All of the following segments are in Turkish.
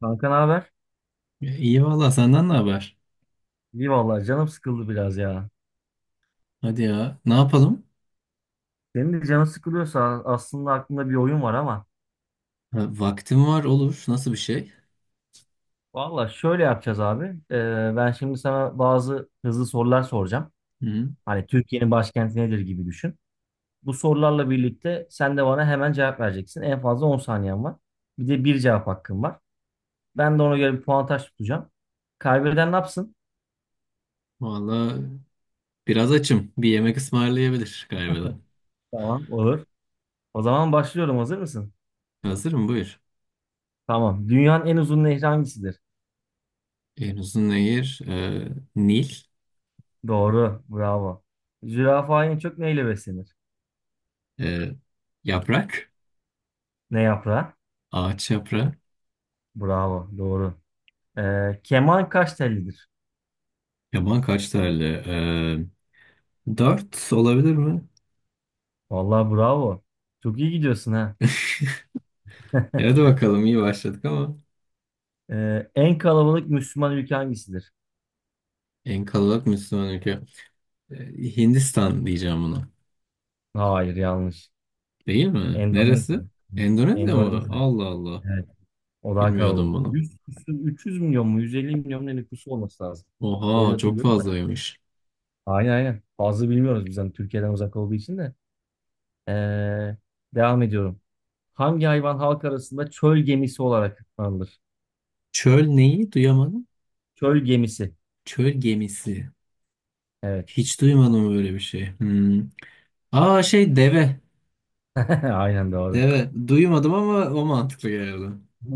Kanka ne haber? Ya İyi valla, senden ne haber? İyi vallahi canım sıkıldı biraz ya. Hadi ya, ne yapalım? Senin de canın sıkılıyorsa aslında aklında bir oyun var ama Ha, vaktim var, olur. Nasıl bir şey? vallahi şöyle yapacağız abi. Ben şimdi sana bazı hızlı sorular soracağım. Hı. Hani Türkiye'nin başkenti nedir gibi düşün. Bu sorularla birlikte sen de bana hemen cevap vereceksin. En fazla 10 saniyen var. Bir de bir cevap hakkın var. Ben de ona göre bir puantaj tutacağım. Kaybeden ne yapsın? Valla biraz açım. Bir yemek ısmarlayabilir galiba da. Tamam olur. O zaman başlıyorum. Hazır mısın? Hazırım, buyur. Tamam. Dünyanın en uzun nehri hangisidir? En uzun nehir Nil. Doğru. Bravo. Zürafa en çok neyle beslenir? E, Yaprak. Ne yaprağı? Ağaç yaprağı. Bravo. Doğru. Keman kaç tellidir? Yaban kaç tane? Dört olabilir mi? Vallahi bravo. Çok iyi gidiyorsun ha. Ya hadi bakalım, iyi başladık ama. En kalabalık Müslüman ülke hangisidir? En kalabalık Müslüman ülke. E, Hindistan diyeceğim buna. Hayır, yanlış. Değil mi? Neresi? Endonezya. Endonezya mı? Endonezya. Allah Allah. Evet. O daha Bilmiyordum kalabalık. bunu. 100, 300 milyon mu? 150 milyon mu, ne nüfusu olması lazım. Öyle Oha çok hatırlıyorum da. fazlaymış. Aynen aynen. Fazla bilmiyoruz, bizden Türkiye'den uzak olduğu için de. Ee, Devam ediyorum. Hangi hayvan halk arasında çöl gemisi olarak adlandırılır? Çöl neyi? Duyamadım. Çöl gemisi. Çöl gemisi. Evet. Hiç duymadım böyle bir şey. Hmm. Aa, şey, deve. Aynen doğru. Deve. Duymadım ama o mantıklı geldi.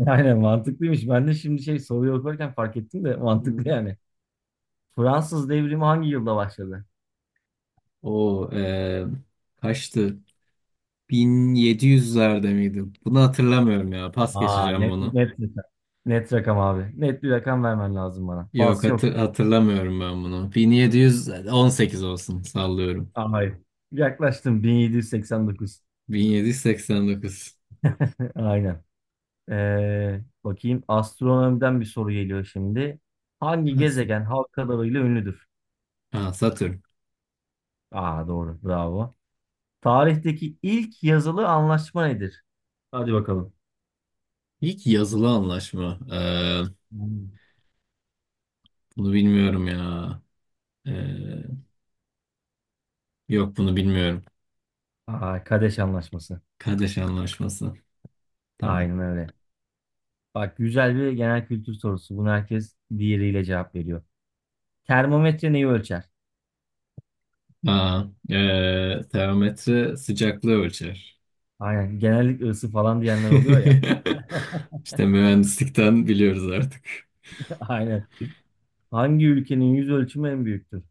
Aynen mantıklıymış. Ben de şimdi şey soruyu okurken fark ettim de mantıklı Hmm. yani. Fransız devrimi hangi yılda başladı? O kaçtı? 1700'lerde miydi? Bunu hatırlamıyorum ya. Pas Aa, geçeceğim net bunu. net rakam. Net rakam abi. Net bir rakam vermen lazım bana. Yok, Pas yok. Hatırlamıyorum ben bunu. 1718 olsun, sallıyorum. Aa, hayır. Yaklaştım, 1789. 1789. Aynen. Bakayım, astronomiden bir soru geliyor şimdi. Hangi Gelsin. gezegen halk kadarıyla ünlüdür? Aa, Satürn. Aa, doğru. Bravo. Tarihteki ilk yazılı anlaşma nedir? Hadi bakalım. İlk yazılı anlaşma. Hmm. Bunu bilmiyorum ya. Ee, Yok, bunu bilmiyorum. Aa, Kadeş Anlaşması. Kardeş anlaşması. Tamam. Aynen öyle. Bak, güzel bir genel kültür sorusu. Bunu herkes diğeriyle cevap veriyor. Termometre neyi ölçer? Aa, termometre sıcaklığı ölçer. Aynen. Genellikle ısı falan diyenler oluyor ya. İşte mühendislikten biliyoruz artık. Aynen. Hangi ülkenin yüz ölçümü en büyüktür?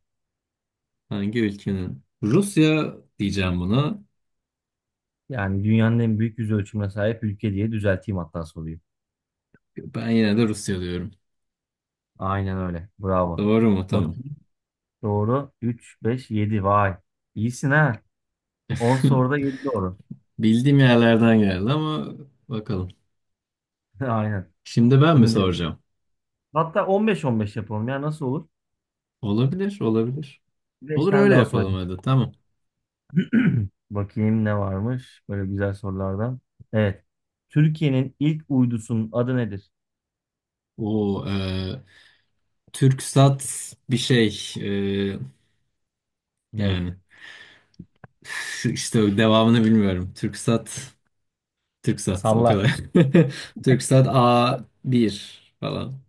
Hangi ülkenin? Rusya diyeceğim buna. Yani dünyanın en büyük yüz ölçümüne sahip ülke diye düzelteyim hatta soruyu. Ben yine de Rusya diyorum. Aynen öyle. Bravo. Doğru mu? Tamam. Bakayım. Doğru. 3, 5, 7. Vay. İyisin ha. 10 soruda 7 doğru. Bildiğim yerlerden geldi ama bakalım. Aynen. Şimdi ben mi Şimdi, soracağım? hatta 15-15 yapalım ya, nasıl olur? Olabilir, olabilir. 5 Olur, tane öyle daha yapalım sorayım. hadi. Tamam. Bakayım ne varmış böyle güzel sorulardan. Evet. Türkiye'nin ilk uydusunun adı nedir? O Türksat bir şey e, Ney? yani işte devamını bilmiyorum. Türksat Türksat o Salla. kadar. Türksat A1 falan.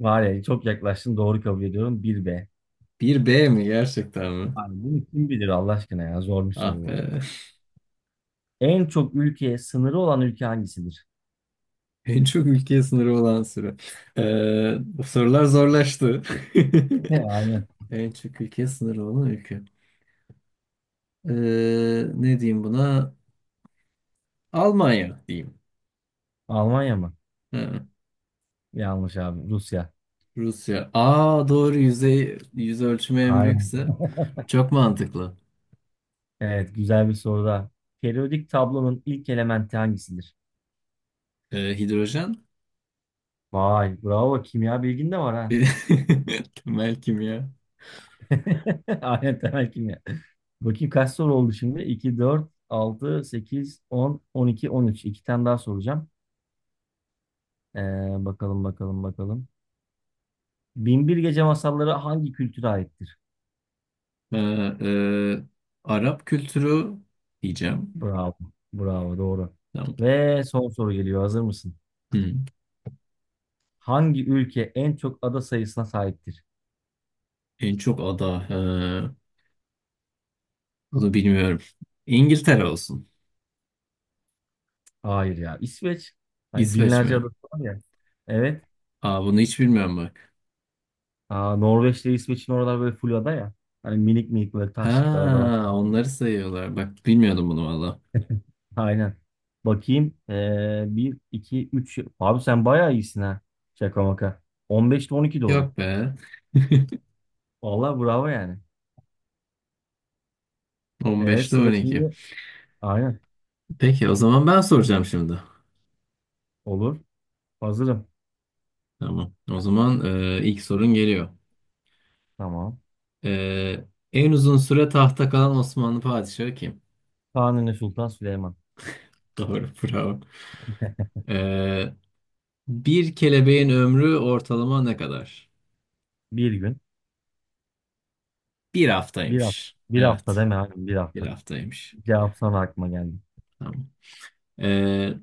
Var ya, çok yaklaştın, doğru kabul ediyorum. Bir b. Bir b mi, gerçekten mi? Abi bunu kim bilir Allah aşkına ya, zor bir soru Ah bu. be. En çok ülkeye sınırı olan ülke hangisidir? En çok ülkeye sınırı olan süre. E, Bu sorular zorlaştı. Aynen. En çok ülkeye sınırı olan ülke. E, Ne diyeyim buna? Almanya diyeyim. Almanya mı? Yanlış abi. Rusya. Rusya. Aa, doğru, yüz ölçümü en Aynen. büyükse çok mantıklı. Evet, güzel bir soru da. Periyodik tablonun ilk elementi hangisidir? Hidrojen, Vay, bravo. Kimya bilgin de var ha. bir- temel kimya. Aynen temel kimya. Bakayım kaç soru oldu şimdi? İki, dört, altı, sekiz, on, on iki, on üç. İki tane daha soracağım. Ee, Bakalım, bakalım, bakalım. Bin bir Gece Masalları hangi kültüre aittir? Ee, e, Arap kültürü diyeceğim. Bravo, bravo, doğru. Tamam. Ve son soru geliyor. Hazır mısın? Hı. Hangi ülke en çok ada sayısına sahiptir? En çok ada. Bunu bilmiyorum. İngiltere olsun. Hayır ya. İsveç. Hani İsveç binlerce mi? adası var ya. Evet. Aa, bunu hiç bilmiyorum bak. Aa, Norveç'te, İsveç'in oralar böyle full ada ya. Hani minik minik böyle taşlıklar adalar. Ha, onları sayıyorlar. Bak, bilmiyordum bunu valla. Aynen. Bakayım. 1, 2, 3. Abi sen bayağı iyisin ha. Şaka maka. 15'te 12 doğru. Yok be. Vallahi bravo yani. 15'te Sıra 12. şimdi. Aynen. Peki, o zaman ben soracağım şimdi. Olur. Hazırım. Tamam. O zaman, ilk sorun geliyor. Tamam. E, En uzun süre tahta kalan Osmanlı padişahı kim? Kanuni Sultan Süleyman. Doğru, bravo. E, Bir kelebeğin ömrü ortalama ne kadar? Bir gün. Bir Bir hafta. haftaymış. Bir hafta Evet, deme abi. Bir bir hafta. haftaymış. Cevap sana aklıma geldi. Tamam. E,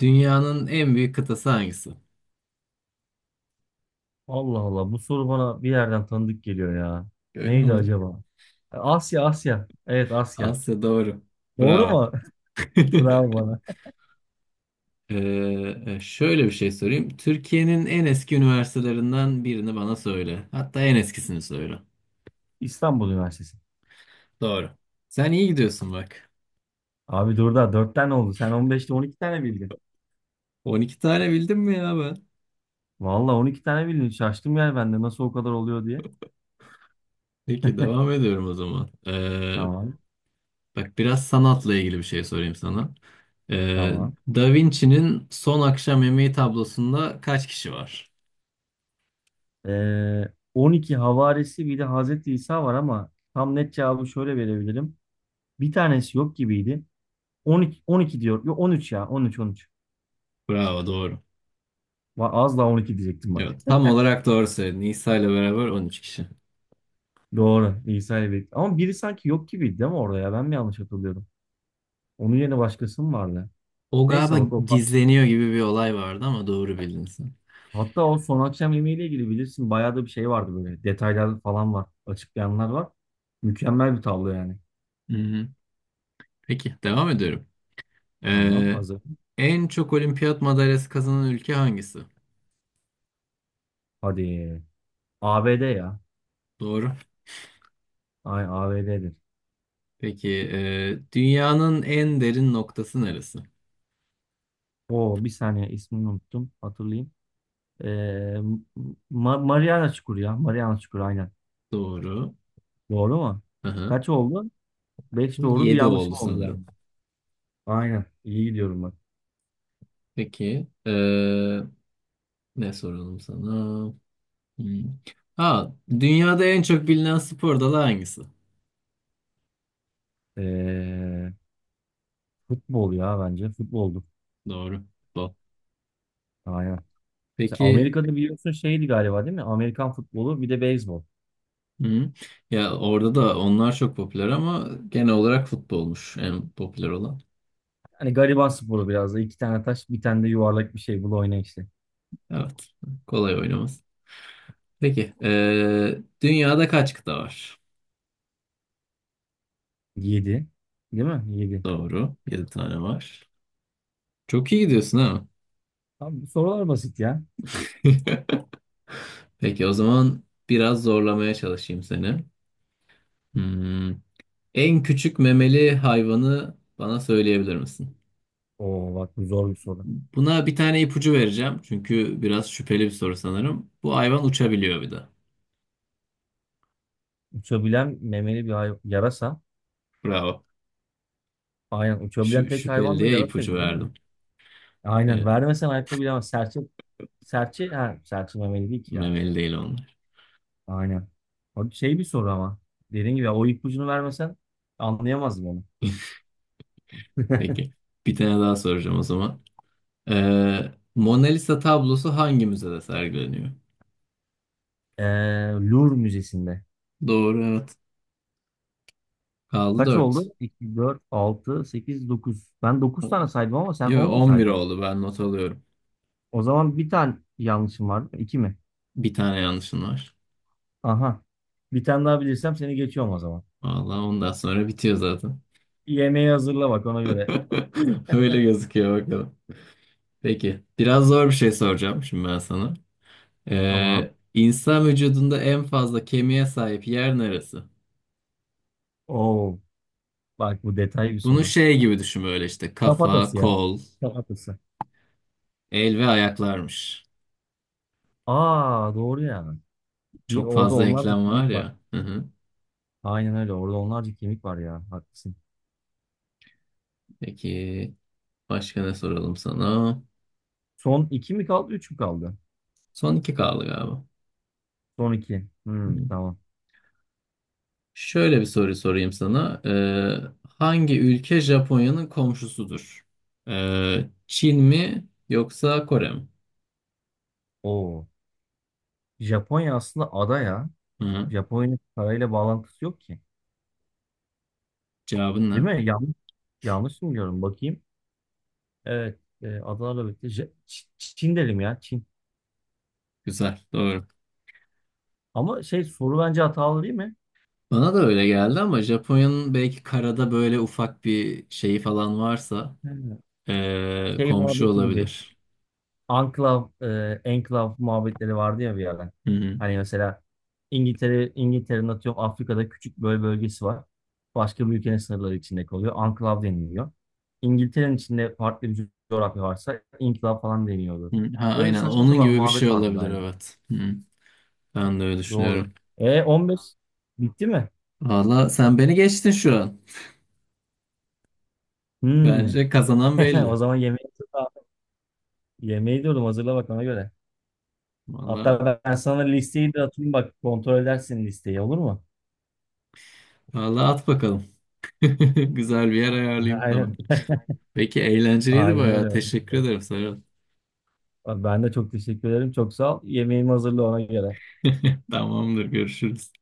Dünyanın en büyük kıtası hangisi? Allah Allah. Bu soru bana bir yerden tanıdık geliyor ya. Öyle Neydi mi? acaba? Asya, Asya. Evet, Asya. Asya doğru. Doğru Bravo. mu? Bravo bana. Ee, Şöyle bir şey sorayım. Türkiye'nin en eski üniversitelerinden birini bana söyle. Hatta en eskisini söyle. İstanbul Üniversitesi. Doğru. Sen iyi gidiyorsun bak. Abi dur da 4 tane oldu. Sen 15'te 12 tane bildin. 12 tane bildim mi ya ben? Valla 12 tane bildin. Şaştım yani ben de, nasıl o kadar oluyor diye. Peki, devam ediyorum o zaman. Tamam. Bak, biraz sanatla ilgili bir şey sorayım sana. Ee, Tamam. Da Vinci'nin Son Akşam Yemeği tablosunda kaç kişi var? Ee, 12 havarisi bir de Hazreti İsa var ama tam net cevabı şöyle verebilirim. Bir tanesi yok gibiydi. 12, 12 diyor. Yok, 13 ya. 13 13. Bravo, doğru. Az daha 12 diyecektim bak. Evet, tam olarak doğru söyledin. İsa ile beraber 13 kişi. Doğru. İsa'yı bekledim. Ama biri sanki yok gibiydi değil mi orada ya? Ben mi yanlış hatırlıyorum? Onun yerine başkası mı vardı? O Neyse galiba bak o, gizleniyor gibi bir olay vardı ama doğru bildin sen. hatta o son akşam yemeğiyle ilgili bilirsin, bayağı da bir şey vardı böyle. Detaylar falan var. Açıklayanlar var. Mükemmel bir tablo yani. Hı hı. Peki, devam ediyorum. Tamam, Ee, hazır. En çok olimpiyat madalyası kazanan ülke hangisi? Hadi. ABD ya. Doğru. Ay, ABD'dir. Peki, dünyanın en derin noktası neresi? O bir saniye ismini unuttum. Hatırlayayım. Ee, Mariana Çukuru ya. Mariana Çukuru, aynen. Doğru. Doğru mu? Aha. Kaç oldu? 5 Bu doğru bir 7 yanlışım oldu oldu yani. sanırım. Aynen. İyi gidiyorum bak. Peki, ne soralım sana? Hmm. Ha, dünyada en çok bilinen spor dalı hangisi? Ee, Futbol ya bence. Futboldu. Doğru. Futbol. Aynen. Mesela Peki, Amerika'da biliyorsun şeydi galiba değil mi? Amerikan futbolu, bir de beyzbol. hı. Ya orada da onlar çok popüler ama genel olarak futbolmuş en popüler olan. Hani gariban sporu biraz da. İki tane taş, bir tane de yuvarlak bir şey. Bul oyna işte. Evet, kolay oynaması. Peki. Dünyada kaç kıta var? Yedi. Değil mi? Yedi. Doğru. Yedi tane var. Çok iyi gidiyorsun ha. Abi bu sorular basit ya. Peki, o zaman biraz zorlamaya çalışayım seni. Hmm, En küçük memeli hayvanı bana söyleyebilir misin? Oo, bak bu zor bir soru. Buna bir tane ipucu vereceğim. Çünkü biraz şüpheli bir soru sanırım. Bu hayvan uçabiliyor bir de. Uçabilen memeli bir yarasa. Bravo. Aynen, uçabilen tek Şüpheli hayvan da diye ipucu yarasaydı değil mi? verdim. Aynen, Ee, vermesen hayatta bilemez. Serçe, serçe, ha, serçe memeli değil ki ya. Memeli değil onlar. Aynen. Abi şey bir soru ama. Dediğim gibi o ipucunu vermesen anlayamazdım onu. Peki. Bir tane daha soracağım o zaman. Mona Lisa tablosu hangi müzede sergileniyor? Ee, Louvre Müzesi'nde. Doğru, evet. Kaldı Kaç 4. oldu? 2, 4, 6, 8, 9. Ben 9 tane saydım ama sen Yok, 10 mu 11 saydın? oldu, ben not alıyorum. O zaman bir tane yanlışım var. 2 mi? Bir tane yanlışın var. Aha. Bir tane daha bilirsem seni geçiyorum o zaman. Vallahi ondan sonra bitiyor zaten. Yemeği hazırla bak ona göre. Öyle gözüküyor bakalım. Peki, biraz zor bir şey soracağım şimdi ben sana. Tamam. İnsan vücudunda en fazla kemiğe sahip yer neresi? Oo, bak bu detaylı bir Bunu soru. şey gibi düşün, böyle işte kafa, Kafatası ya. kol, Kafatası. el ve ayaklarmış. Aa, doğru ya. Bir Çok orada fazla onlarca eklem var kemik var. ya. Hı hı. Aynen öyle. Orada onlarca kemik var ya. Haklısın. Peki. Başka ne soralım sana? Son 2 mi kaldı, 3 mü kaldı? Son iki kaldı galiba. Son 2. Hı. Hmm, tamam. Şöyle bir soru sorayım sana. Hangi ülke Japonya'nın komşusudur? Çin mi yoksa Kore mi? Oo. Japonya aslında ada ya. Hı. Hı. Japonya'nın parayla bağlantısı yok ki. Cevabın Değil ne? mi? Yanlış, yanlış mı diyorum? Bakayım. Evet. Adana'la birlikte. Çin dedim ya. Çin. Güzel, doğru. Ama şey soru bence hatalı değil mi? Bana da öyle geldi ama Japonya'nın belki karada böyle ufak bir şeyi falan varsa Hmm. Şey komşu muhabbeti gibi. olabilir. Anklav, enklav muhabbetleri vardı ya bir yerden. Hı hı. Hani mesela İngiltere'nin atıyorum Afrika'da küçük böyle bölgesi var. Başka bir ülkenin sınırları içinde kalıyor. Anklav deniliyor. İngiltere'nin içinde farklı bir coğrafya varsa enklav falan deniyordu. Hı, ha, Öyle aynen saçma onun sapan gibi bir şey muhabbet vardı olabilir, galiba. evet. Hı. Ben de öyle Doğru. düşünüyorum. 15 bitti mi? Valla sen beni geçtin şu an. Hmm. Bence kazanan O belli. zaman yemeği, yemeği diyorum, hazırla bak ona göre. Vallahi Hatta ben sana listeyi de atayım, bak kontrol edersin listeyi, olur mu? vallahi at bakalım. Güzel bir yer ayarlayayım sana. Aynen. Peki, eğlenceliydi Aynen bayağı. öyle. Teşekkür ederim, Serhat. Ben de çok teşekkür ederim. Çok sağ ol. Yemeğimi hazırla ona göre. Tamamdır, görüşürüz.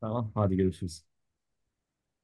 Tamam. Hadi, görüşürüz.